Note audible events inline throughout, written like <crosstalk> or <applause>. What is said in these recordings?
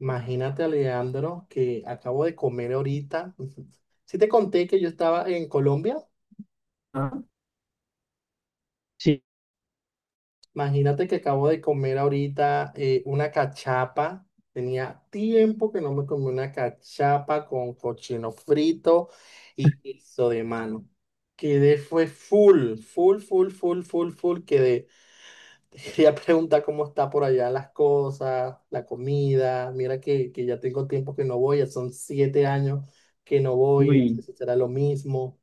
Imagínate, Alejandro, que acabo de comer ahorita. <laughs> Si te conté que yo estaba en Colombia, Ah, sí. imagínate que acabo de comer ahorita una cachapa. Tenía tiempo que no me comí una cachapa con cochino frito y queso de mano. Quedé, fue full, full, full, full, full, full. Quedé. <laughs> Te quería preguntar cómo está por allá las cosas, la comida. Mira que ya tengo tiempo que no voy, ya son siete años que no voy, no sé uy, si será lo mismo.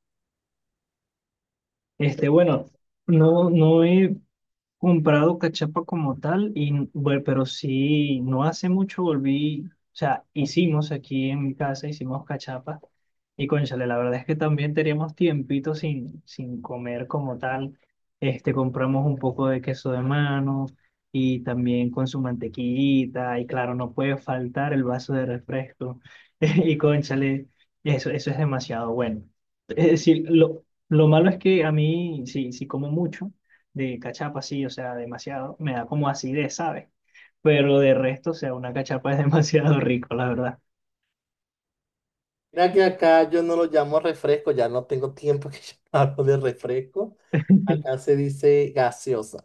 bueno, no, no he, comprado cachapa como tal, y bueno, pero sí, no hace mucho volví, o sea, hicimos aquí en mi casa, hicimos cachapa, y cónchale, la verdad es que también teníamos tiempito sin comer como tal. Compramos un poco de queso de mano, y también con su mantequillita, y claro, no puede faltar el vaso de refresco, <laughs> y cónchale, eso es demasiado bueno. Es decir, lo malo es que a mí, sí, sí como mucho, de cachapa, sí, o sea, demasiado, me da como acidez, ¿sabes? Pero de resto, o sea, una cachapa es <laughs> demasiado rico, la verdad. Mira que acá yo no lo llamo refresco, ya no tengo tiempo que <laughs> yo hablo de refresco. Acá se dice gaseosa.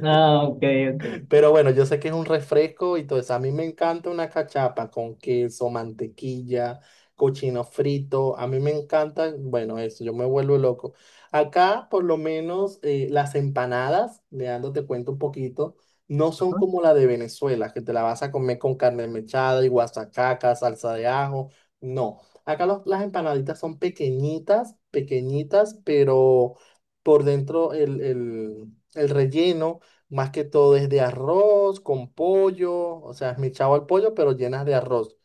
Ah, ok, ok. Pero bueno, yo sé que es un refresco y todo eso. A mí me encanta una cachapa con queso, mantequilla, cochino frito. A mí me encanta, bueno, eso, yo me vuelvo loco. Acá, por lo menos, las empanadas, Leandro, te cuento un poquito, no son Ajá. como la de Venezuela, que te la vas a comer con carne mechada y guasacaca, salsa de ajo. No. Acá las empanaditas son pequeñitas, pequeñitas, pero por dentro el relleno. Más que todo es de arroz con pollo, o sea, es mi chavo al pollo, pero llenas de arroz.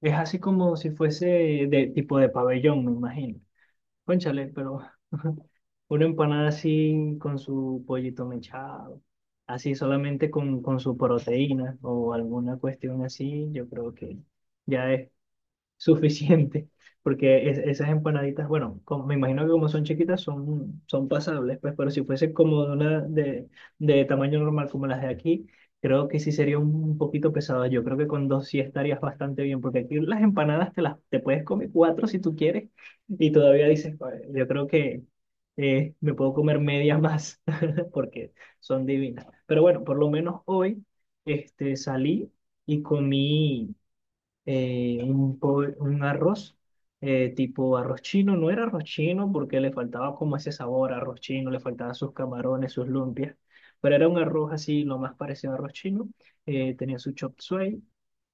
Es así como si fuese de tipo de pabellón, me imagino. Cónchale, pero una empanada así con su pollito mechado, así solamente con su proteína o alguna cuestión así, yo creo que ya es suficiente, <laughs> porque esas empanaditas, bueno, como, me imagino que como son chiquitas son pasables, pues, pero si fuese como de de tamaño normal como las de aquí, creo que sí sería un poquito pesado. Yo creo que con dos sí estarías bastante bien, porque aquí las empanadas te puedes comer cuatro si tú quieres y todavía dices, "Joder, yo creo que me puedo comer media más <laughs> porque son divinas". Pero bueno, por lo menos hoy salí y comí un arroz, tipo arroz chino. No era arroz chino porque le faltaba como ese sabor a arroz chino, le faltaban sus camarones, sus lumpias, pero era un arroz así, lo más parecido a arroz chino. Tenía su chop suey,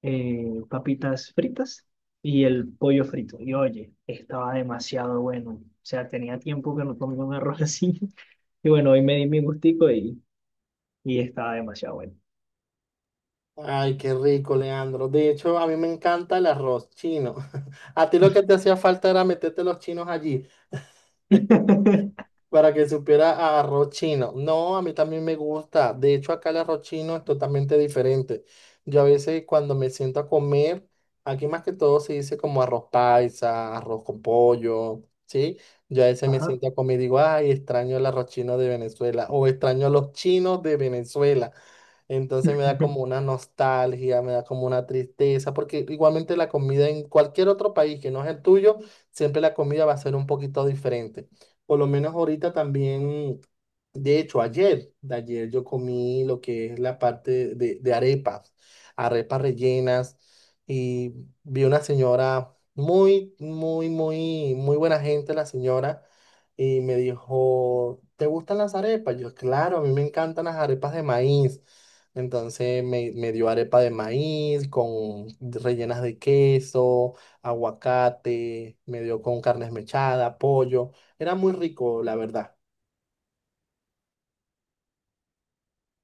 papitas fritas y el pollo frito. Y oye, estaba demasiado bueno. O sea, tenía tiempo que no comía un arroz así. <laughs> Y bueno, hoy me di mi gustico y estaba demasiado bueno. Ay, qué rico, Leandro. De hecho, a mí me encanta el arroz chino. <laughs> A ti lo que te hacía falta era meterte los chinos allí. <laughs> Para que supiera a arroz chino. No, a mí también me gusta. De hecho, acá el arroz chino es totalmente diferente. Yo a veces cuando me siento a comer, aquí más que todo se dice como arroz paisa, arroz con pollo, ¿sí? Yo a veces me Ajá. siento a comer y digo, ay, extraño el arroz chino de Venezuela o extraño a los chinos de Venezuela. Entonces me da como una nostalgia, me da como una tristeza, porque igualmente la comida en cualquier otro país que no es el tuyo, siempre la comida va a ser un poquito diferente. Por lo menos ahorita también, de hecho, ayer, de ayer yo comí lo que es la parte de arepas, arepas rellenas, y vi una señora muy, muy, muy, muy buena gente, la señora y me dijo, ¿te gustan las arepas? Yo, claro, a mí me encantan las arepas de maíz. Entonces me dio arepa de maíz con rellenas de queso, aguacate, me dio con carne mechada, pollo. Era muy rico, la verdad.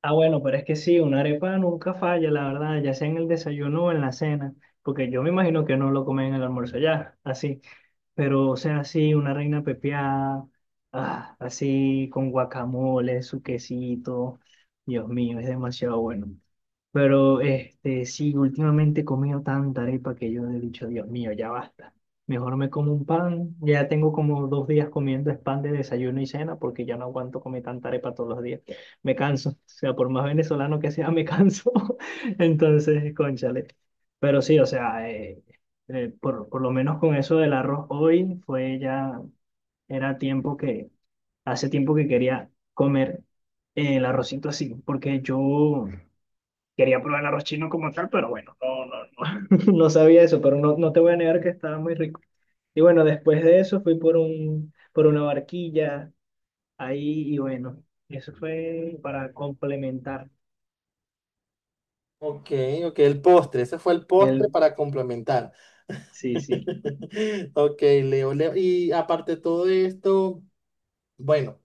Ah, bueno, pero es que sí, una arepa nunca falla, la verdad, ya sea en el desayuno o en la cena, porque yo me imagino que no lo comen en el almuerzo ya, así, pero o sea, sí, una reina pepiada, ah, así, con guacamole, su quesito, Dios mío, es demasiado bueno. Pero este, sí, últimamente he comido tanta arepa que yo he dicho, Dios mío, ya basta. Mejor me como un pan. Ya tengo como dos días comiendo es pan de desayuno y cena porque ya no aguanto comer tanta arepa todos los días. Me canso. O sea, por más venezolano que sea, me canso. <laughs> Entonces, cónchale. Pero sí, o sea, por lo menos con eso del arroz hoy fue ya, era tiempo que, hace tiempo que quería comer el arrocito así, porque yo... Quería probar el arroz chino como tal, pero bueno, <laughs> no sabía eso, pero no, no te voy a negar que estaba muy rico. Y bueno, después de eso fui por por una barquilla ahí y bueno, eso fue para complementar Ok, ok, el postre, ese fue el postre el... para complementar. Sí, sí. <laughs> Ok, Leo, Leo. Y aparte de todo esto, bueno,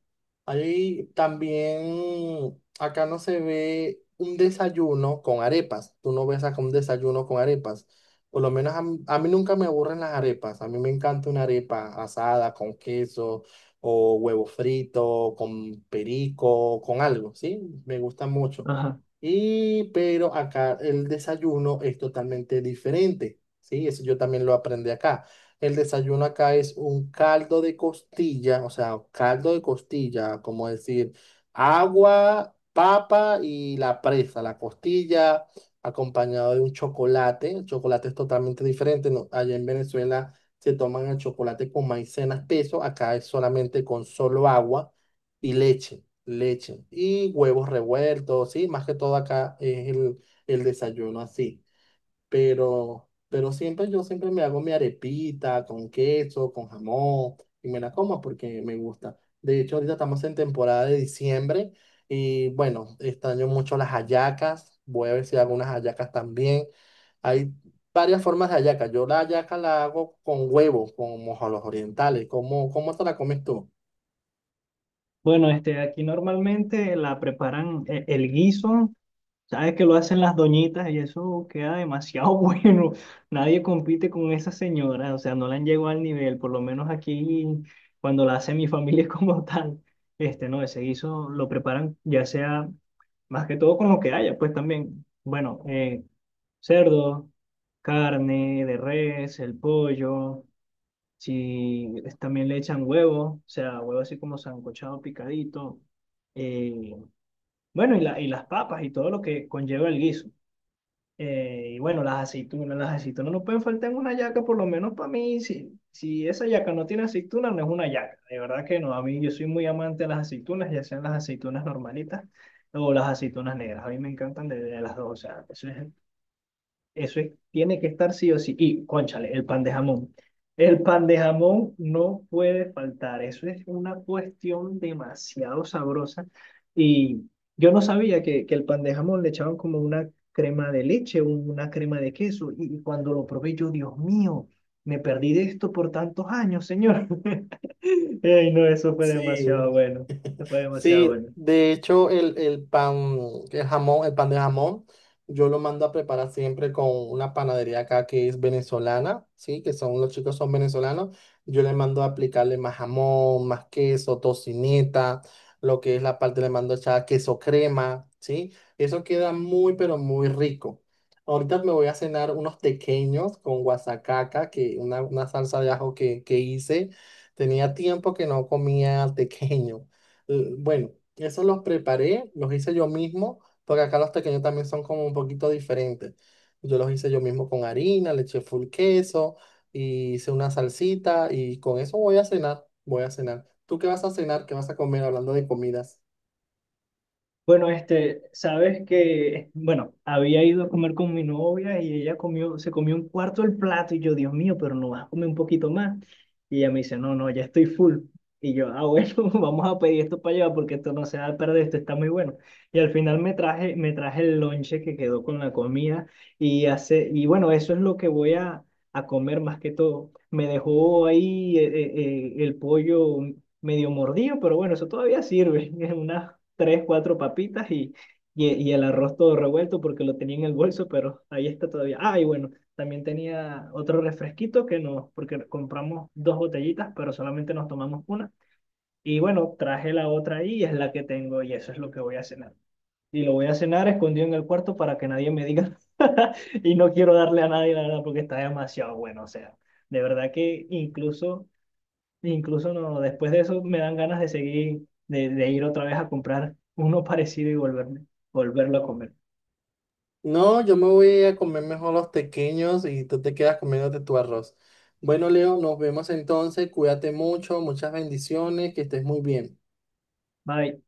ahí también, acá no se ve un desayuno con arepas. Tú no ves acá un desayuno con arepas. Por lo menos a mí nunca me aburren las arepas. A mí me encanta una arepa asada con queso o huevo frito, con perico, con algo, ¿sí? Me gusta mucho. Ajá. Y, pero acá el desayuno es totalmente diferente, ¿sí? Eso yo también lo aprendí acá. El desayuno acá es un caldo de costilla, o sea, caldo de costilla, como decir, agua, papa y la presa, la costilla, acompañado de un chocolate. El chocolate es totalmente diferente, ¿no? Allá en Venezuela se toman el chocolate con maicena espeso, acá es solamente con solo agua y leche, leche y huevos revueltos, sí, más que todo acá es el desayuno así, pero siempre yo siempre me hago mi arepita con queso, con jamón y me la como porque me gusta. De hecho, ahorita estamos en temporada de diciembre y bueno, extraño mucho las hallacas. Voy a ver si hago unas hallacas también. Hay varias formas de hallaca. Yo la hallaca la hago con huevo, como a los orientales. ¿Cómo, cómo te la comes tú? Bueno, este, aquí normalmente la preparan el guiso. Sabes que lo hacen las doñitas y eso queda demasiado <laughs> bueno. Nadie compite con esa señora, o sea, no la han llegado al nivel, por lo menos aquí cuando la hace mi familia <laughs> como tal. Este, no, ese guiso lo preparan ya sea más que todo con lo que haya, pues también, bueno, cerdo, carne de res, el pollo, si es- también le echan huevo, o sea, huevo así como sancochado, picadito. eh, bueno, y las papas y todo lo que conlleva el guiso. Y bueno, las aceitunas no pueden faltar en una yaca, por lo menos para mí. Si esa yaca no tiene aceitunas, no es una yaca. De verdad que no. A mí, yo soy muy amante de las aceitunas, ya sean las aceitunas normalitas o las aceitunas negras. A mí me encantan de las dos. O sea, eso es, tiene que estar sí o sí. Y, cónchale, el pan de jamón. El pan de jamón no puede faltar. Eso es una cuestión demasiado sabrosa. Y yo no sabía que el pan de jamón le echaban como una crema de leche, una crema de queso. Y y cuando lo probé, yo, Dios mío, me perdí de esto por tantos años, señor. <laughs> Ey, no, eso fue Sí. demasiado bueno. Eso fue demasiado Sí, bueno. de hecho el pan, el jamón, el pan de jamón, yo lo mando a preparar siempre con una panadería acá que es venezolana, sí, que son los chicos son venezolanos. Yo le mando a aplicarle más jamón, más queso, tocineta, lo que es la parte le mando echar queso crema, sí. Eso queda muy pero muy rico. Ahorita me voy a cenar unos tequeños con guasacaca, que una salsa de ajo que hice. Tenía tiempo que no comía tequeño. Bueno, eso los preparé, los hice yo mismo, porque acá los pequeños también son como un poquito diferentes. Yo los hice yo mismo con harina, le eché full queso, y hice una salsita y con eso voy a cenar, voy a cenar. ¿Tú qué vas a cenar? ¿Qué vas a comer hablando de comidas? Bueno, este, sabes que, bueno, había ido a comer con mi novia y ella comió, se comió un cuarto del plato y yo, Dios mío, pero no vas a comer un poquito más. Y ella me dice, no, no, ya estoy full. Y yo, ah, bueno, <laughs> vamos a pedir esto para allá porque esto no se va a perder, esto está muy bueno. Y al final me traje el lonche que quedó con la comida y hace, y bueno, eso es lo que voy a comer más que todo. Me dejó ahí el pollo, medio mordido, pero bueno, eso todavía sirve. <laughs> Unas tres, cuatro papitas y el arroz todo revuelto porque lo tenía en el bolso, pero ahí está todavía. Ah, y bueno, también tenía otro refresquito que nos, porque compramos dos botellitas, pero solamente nos tomamos una. Y bueno, traje la otra ahí y es la que tengo y eso es lo que voy a cenar. Y lo voy a cenar escondido en el cuarto para que nadie me diga. <laughs> Y no quiero darle a nadie, la verdad, porque está demasiado bueno. O sea, de verdad que incluso incluso no, después de eso me dan ganas de seguir, de ir otra vez a comprar uno <laughs> parecido y volverlo a comer. No, yo me voy a comer mejor los pequeños y tú te quedas comiéndote tu arroz. Bueno, Leo, nos vemos entonces, cuídate mucho, muchas bendiciones, que estés muy bien. Bye.